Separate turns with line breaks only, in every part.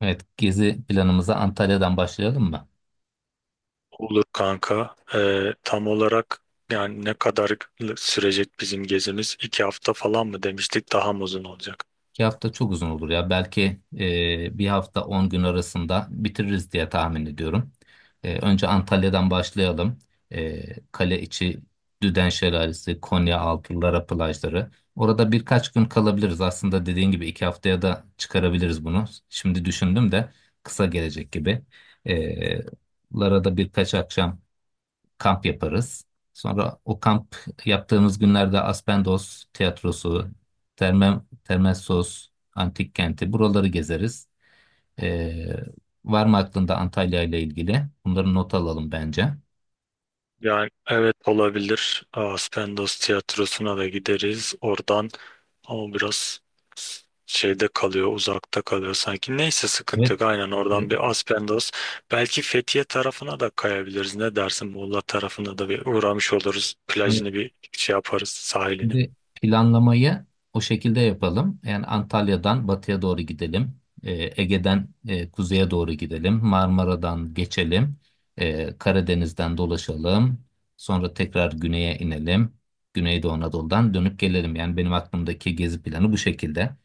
Evet, gezi planımıza Antalya'dan başlayalım mı?
Olur kanka. Tam olarak yani ne kadar sürecek bizim gezimiz? İki hafta falan mı demiştik? Daha mı uzun olacak?
2 hafta çok uzun olur ya. Belki bir hafta 10 gün arasında bitiririz diye tahmin ediyorum. Önce Antalya'dan başlayalım. Kale içi, Düden Şelalesi, Konya Altı, Lara plajları. Orada birkaç gün kalabiliriz. Aslında dediğin gibi 2 haftaya da çıkarabiliriz bunu. Şimdi düşündüm de kısa gelecek gibi. E, Lara'da birkaç akşam kamp yaparız. Sonra o kamp yaptığımız günlerde Aspendos Tiyatrosu, Terme, Termessos, Antik Kenti buraları gezeriz. Ee, var mı aklında Antalya ile ilgili? Bunları not alalım bence.
Yani evet olabilir. Aspendos tiyatrosuna da gideriz. Oradan ama biraz şeyde kalıyor, uzakta kalıyor sanki. Neyse sıkıntı
Evet.
yok. Aynen oradan bir Aspendos. Belki Fethiye tarafına da kayabiliriz. Ne dersin? Muğla tarafına da bir uğramış oluruz.
e,
Plajını bir şey yaparız, sahilini.
Şimdi planlamayı o şekilde yapalım. Yani Antalya'dan batıya doğru gidelim. Ege'den kuzeye doğru gidelim. Marmara'dan geçelim. Karadeniz'den dolaşalım. Sonra tekrar güneye inelim. Güneydoğu Anadolu'dan dönüp gelelim. Yani benim aklımdaki gezi planı bu şekilde.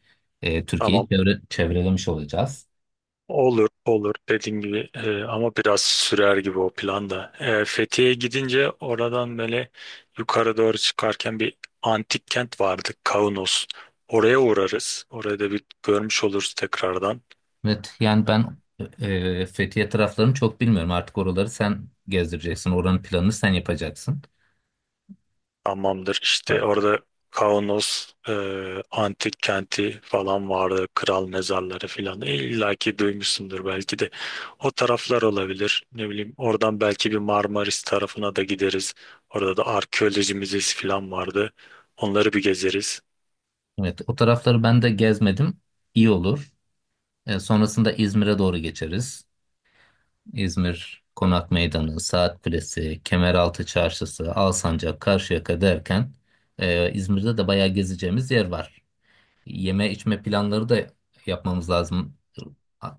Türkiye'yi
Tamam.
çevrelemiş olacağız.
Olur olur dediğin gibi ama biraz sürer gibi o planda. E, Fethiye'ye gidince oradan böyle yukarı doğru çıkarken bir antik kent vardı Kaunos. Oraya uğrarız. Orada bir görmüş oluruz tekrardan.
Evet, yani ben Fethiye taraflarını çok bilmiyorum. Artık oraları sen gezdireceksin. Oranın planını sen yapacaksın.
Hamamdır işte orada Kaunos antik kenti falan vardı. Kral mezarları falan. E, İlla ki duymuşsundur belki de. O taraflar olabilir. Ne bileyim oradan belki bir Marmaris tarafına da gideriz. Orada da arkeoloji müzesi falan vardı. Onları bir gezeriz.
Evet, o tarafları ben de gezmedim. İyi olur. Sonrasında İzmir'e doğru geçeriz. İzmir Konak Meydanı, Saat Kulesi, Kemeraltı Çarşısı, Alsancak, Karşıyaka derken İzmir'de de bayağı gezeceğimiz yer var, yeme içme planları da yapmamız lazım.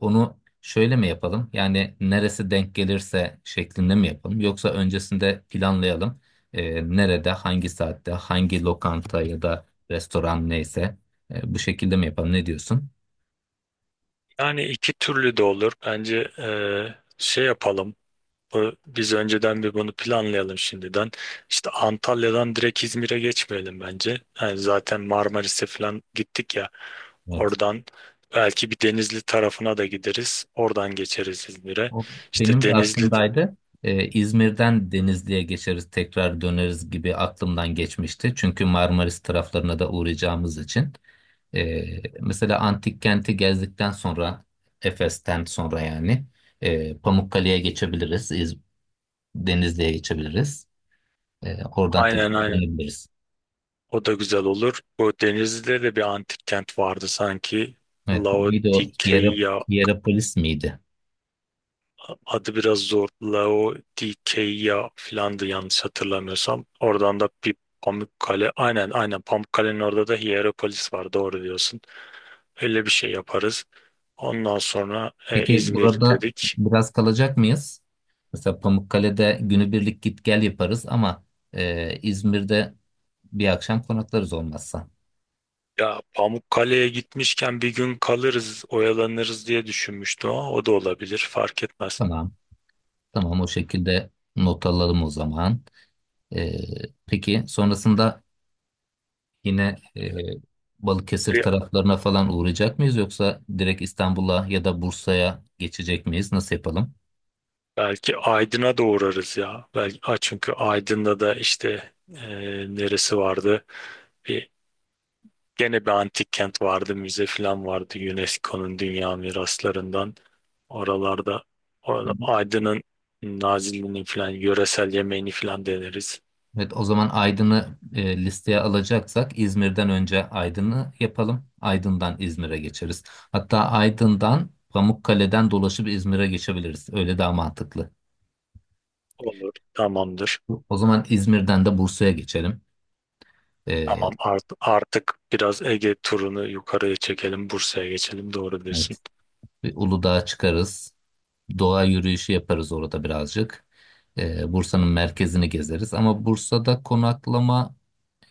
Onu şöyle mi yapalım? Yani neresi denk gelirse şeklinde mi yapalım? Yoksa öncesinde planlayalım. Nerede, hangi saatte, hangi lokanta ya da restoran neyse bu şekilde mi yapalım? Ne diyorsun?
Yani iki türlü de olur. Bence şey yapalım. Biz önceden bir bunu planlayalım şimdiden. İşte Antalya'dan direkt İzmir'e geçmeyelim bence. Yani zaten Marmaris'e falan gittik ya.
Evet.
Oradan belki bir Denizli tarafına da gideriz. Oradan geçeriz İzmir'e.
O
İşte
benim de
Denizli
aklımdaydı. İzmir'den Denizli'ye geçeriz, tekrar döneriz gibi aklımdan geçmişti. Çünkü Marmaris taraflarına da uğrayacağımız için. Mesela antik kenti gezdikten sonra, Efes'ten sonra yani Pamukkale'ye geçebiliriz, Denizli'ye geçebiliriz. Oradan tekrar
aynen aynen.
dönebiliriz.
O da güzel olur. Bu Denizli'de de bir antik kent vardı sanki.
Evet, neydi o?
Laodikeya
Hierapolis miydi?
adı biraz zor. Laodikeya filandı yanlış hatırlamıyorsam. Oradan da bir Pamukkale. Aynen aynen Pamukkale'nin orada da Hierapolis var. Doğru diyorsun. Öyle bir şey yaparız. Ondan sonra
Peki
İzmir
burada
dedik.
biraz kalacak mıyız? Mesela Pamukkale'de günübirlik git gel yaparız ama İzmir'de bir akşam konaklarız olmazsa.
Ya Pamukkale'ye gitmişken bir gün kalırız, oyalanırız diye düşünmüştüm ama o da olabilir, fark etmez.
Tamam, tamam o şekilde not alalım o zaman. E, peki sonrasında yine Balıkesir
Bir-
taraflarına falan uğrayacak mıyız yoksa direkt İstanbul'a ya da Bursa'ya geçecek miyiz? Nasıl yapalım?
Belki Aydın'a da uğrarız ya. Belki, ha, çünkü Aydın'da da işte neresi vardı? Bir, Gene bir antik kent vardı, müze falan vardı UNESCO'nun dünya miraslarından. Oralarda orada Aydın'ın Nazilli'nin falan yöresel yemeğini falan deneriz.
Evet, o zaman Aydın'ı listeye alacaksak İzmir'den önce Aydın'ı yapalım. Aydın'dan İzmir'e geçeriz. Hatta Aydın'dan Pamukkale'den dolaşıp İzmir'e geçebiliriz. Öyle daha mantıklı.
Olur, tamamdır.
O zaman İzmir'den de Bursa'ya geçelim. E,
Tamam artık biraz Ege turunu yukarıya çekelim. Bursa'ya geçelim doğru diyorsun.
evet, bir Uludağ'a çıkarız. Doğa yürüyüşü yaparız orada birazcık. Bursa'nın merkezini gezeriz. Ama Bursa'da konaklama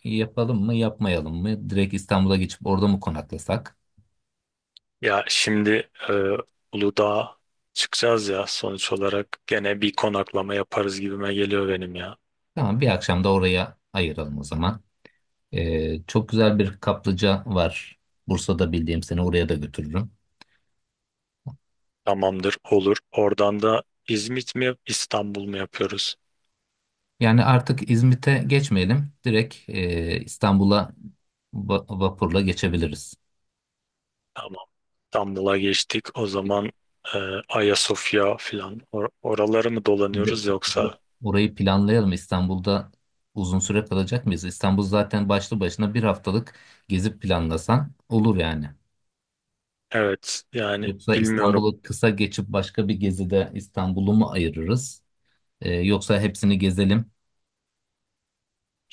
yapalım mı, yapmayalım mı? Direkt İstanbul'a geçip orada mı konaklasak?
Ya şimdi Uludağ'a çıkacağız ya sonuç olarak gene bir konaklama yaparız gibime geliyor benim ya.
Tamam, bir akşam da oraya ayıralım o zaman. Çok güzel bir kaplıca var. Bursa'da bildiğim seni oraya da götürürüm.
Tamamdır olur. Oradan da İzmit mi İstanbul mu yapıyoruz?
Yani artık İzmit'e geçmeyelim. Direkt İstanbul'a vapurla geçebiliriz.
Tamam. İstanbul'a geçtik. O zaman e, Ayasofya filan oraları mı
Şimdi
dolanıyoruz yoksa?
orayı planlayalım. İstanbul'da uzun süre kalacak mıyız? İstanbul zaten başlı başına bir haftalık gezip planlasan olur yani.
Evet yani
Yoksa
bilmiyorum.
İstanbul'u kısa geçip başka bir gezide İstanbul'u mu ayırırız? Yoksa hepsini gezelim.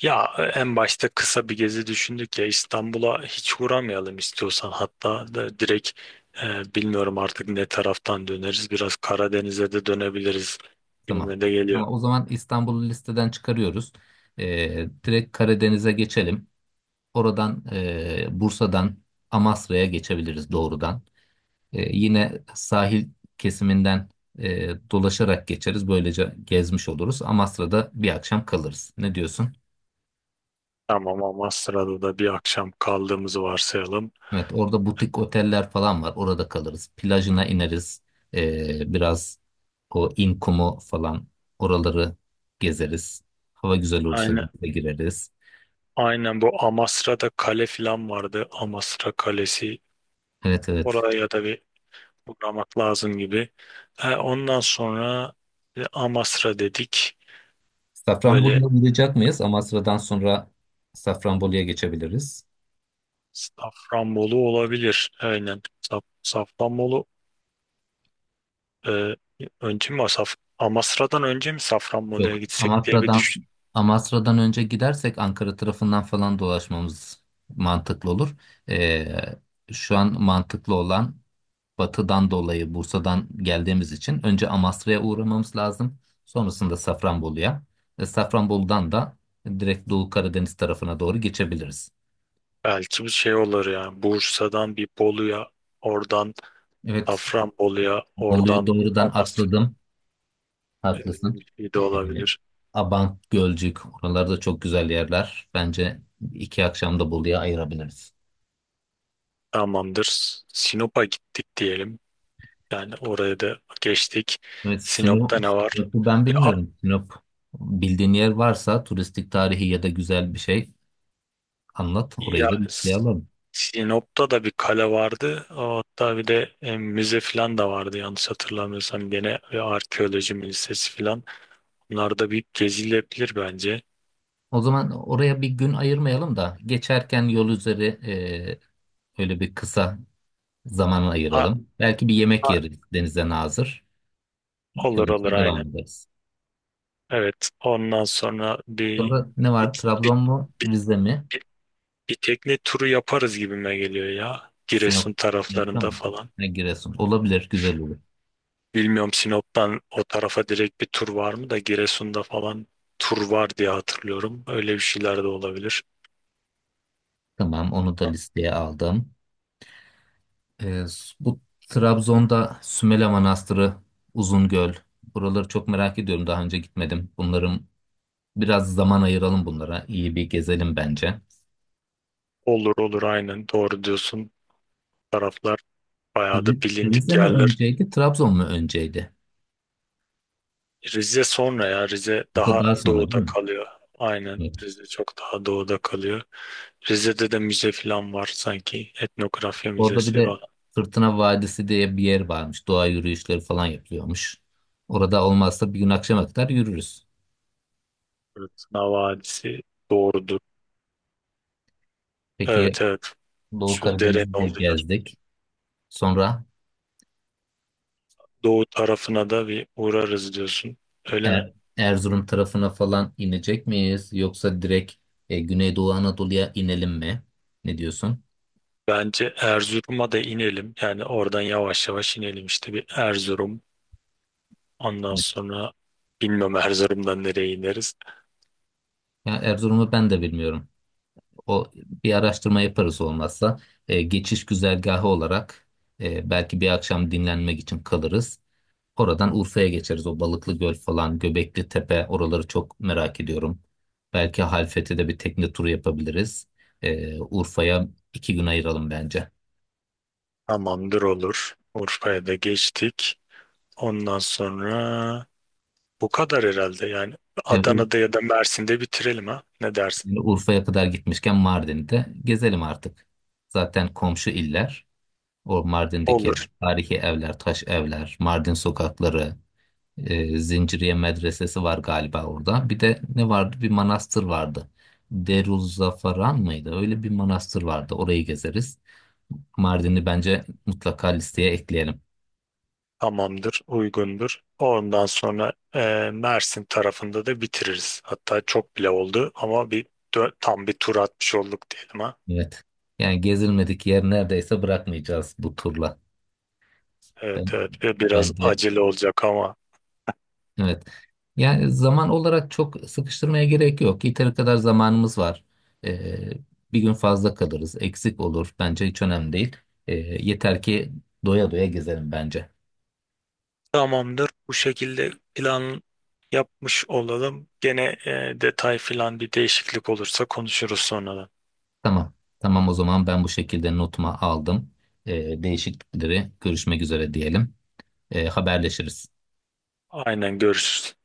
Ya en başta kısa bir gezi düşündük ya İstanbul'a hiç uğramayalım istiyorsan hatta da direkt bilmiyorum artık ne taraftan döneriz biraz Karadeniz'e de dönebiliriz
Tamam.
gibime de geliyor.
Ama o zaman İstanbul'u listeden çıkarıyoruz. Direkt Karadeniz'e geçelim. Oradan Bursa'dan Amasra'ya geçebiliriz doğrudan. Yine sahil kesiminden dolaşarak geçeriz. Böylece gezmiş oluruz. Amasra'da bir akşam kalırız. Ne diyorsun?
Tamam Amasra'da da bir akşam kaldığımızı varsayalım.
Evet, orada butik oteller falan var. Orada kalırız. Plajına ineriz. Biraz o İnkumu falan oraları gezeriz. Hava güzel olursa
Aynen,
bir gireriz.
aynen bu Amasra'da kale falan vardı Amasra Kalesi
Evet, evet.
oraya da bir uğramak lazım gibi. Ondan sonra Amasra dedik böyle
Safranbolu'ya uğrayacak mıyız? Amasra'dan sonra Safranbolu'ya geçebiliriz.
Safranbolu olabilir. Aynen. Safranbolu e, önce mi Saf Amasra'dan önce mi Safranbolu'ya
Yok,
gitsek diye bir
Amasra'dan
düşün.
Amasra'dan önce gidersek Ankara tarafından falan dolaşmamız mantıklı olur. Ee, şu an mantıklı olan batıdan dolayı Bursa'dan geldiğimiz için önce Amasra'ya uğramamız lazım. Sonrasında Safranbolu'ya. Safranbolu'dan da direkt Doğu Karadeniz tarafına doğru geçebiliriz.
Belki bir şey olur yani. Bursa'dan bir Bolu'ya, oradan
Evet,
Safranbolu'ya,
Bolu'yu
oradan
doğrudan
Amasra
atladım.
öyle
Haklısın.
bir şey de
Ee,
olabilir.
Abant, Gölcük oralarda çok güzel yerler. Bence 2 akşamda da Bolu'ya ayırabiliriz.
Tamamdır. Sinop'a gittik diyelim. Yani oraya da geçtik.
Evet,
Sinop'ta ne var?
Sinop'u ben
Bir
bilmiyorum. Sinop bildiğin yer varsa turistik tarihi ya da güzel bir şey anlat. Orayı
Ya
da
S-
listeleyelim.
Sinop'ta da bir kale vardı. Hatta bir de müze falan da vardı yanlış hatırlamıyorsam. Gene ve arkeoloji müzesi falan. Bunlar da bir gezilebilir bence.
O zaman oraya bir gün ayırmayalım da geçerken yol üzeri öyle bir kısa zaman
Ha,
ayıralım. Belki bir yemek
ha,
yeriz denize nazır.
olur olur
Yolumuza devam
aynen.
ederiz.
Evet ondan sonra
Sonra ne
bir,
var?
bir,
Trabzon mu?
bir,
Rize mi?
bir- bir tekne turu yaparız gibime geliyor ya. Giresun
Sinop, Sinop'ta
taraflarında
mı?
falan.
Ne Giresun. Olabilir, güzel olur.
Bilmiyorum Sinop'tan o tarafa direkt bir tur var mı da Giresun'da falan tur var diye hatırlıyorum. Öyle bir şeyler de olabilir.
Tamam, onu da listeye aldım. Ee, bu Trabzon'da Sümele Manastırı, Uzungöl. Buraları çok merak ediyorum. Daha önce gitmedim. Bunların biraz zaman ayıralım bunlara. İyi bir gezelim bence.
Olur olur aynen doğru diyorsun. Taraflar bayağı da bilindik
Rize mi
yerler.
önceydi, Trabzon mu önceydi?
Rize sonra ya Rize
Rize
daha
daha sonra değil
doğuda
mi?
kalıyor. Aynen
Evet.
Rize çok daha doğuda kalıyor. Rize'de de müze falan var sanki. Etnografya
Orada bir
müzesi
de
var.
Fırtına Vadisi diye bir yer varmış. Doğa yürüyüşleri falan yapılıyormuş. Orada olmazsa bir gün akşama kadar yürürüz.
Fırtına Vadisi doğrudur.
Peki
Evet evet
Doğu
şu derenin
Karadeniz'i de
olduğu yer.
gezdik. Sonra
Doğu tarafına da bir uğrarız diyorsun. Öyle mi?
Erzurum tarafına falan inecek miyiz? Yoksa direkt Güneydoğu Anadolu'ya inelim mi? Ne diyorsun?
Bence Erzurum'a da inelim. Yani oradan yavaş yavaş inelim işte bir Erzurum, ondan sonra bilmem Erzurum'dan nereye ineriz.
Ya Erzurum'u ben de bilmiyorum. O bir araştırma yaparız olmazsa. Geçiş güzergahı olarak belki bir akşam dinlenmek için kalırız. Oradan Urfa'ya geçeriz. O Balıklı Göl falan, Göbekli Tepe oraları çok merak ediyorum. Belki Halfeti'de bir tekne turu yapabiliriz. Urfa'ya 2 gün ayıralım bence.
Tamamdır olur. Urfa'ya da geçtik. Ondan sonra bu kadar herhalde yani.
Yani Ur-
Adana'da ya da Mersin'de bitirelim ha. Ne dersin?
Yani Urfa'ya kadar gitmişken Mardin'de gezelim artık. Zaten komşu iller. O Mardin'deki
Olur.
tarihi evler, taş evler, Mardin sokakları, Zinciriye Medresesi var galiba orada. Bir de ne vardı? Bir manastır vardı. Deruzzafaran mıydı? Öyle bir manastır vardı. Orayı gezeriz. Mardin'i bence mutlaka listeye ekleyelim.
Tamamdır. Uygundur. Ondan sonra Mersin tarafında da bitiririz. Hatta çok bile oldu ama bir tam bir tur atmış olduk diyelim ha.
Evet. Yani gezilmedik yer neredeyse bırakmayacağız bu turla.
Evet
Ben,
evet, ve biraz
bence
acele olacak ama
Evet. Yani zaman olarak çok sıkıştırmaya gerek yok. Yeteri kadar zamanımız var. Ee, bir gün fazla kalırız, eksik olur. Bence hiç önemli değil. Yeter ki doya doya gezelim bence.
tamamdır. Bu şekilde plan yapmış olalım. Gene detay filan bir değişiklik olursa konuşuruz sonradan.
Tamam. Tamam o zaman ben bu şekilde notuma aldım. Değişiklikleri görüşmek üzere diyelim. Haberleşiriz.
Aynen görüşürüz.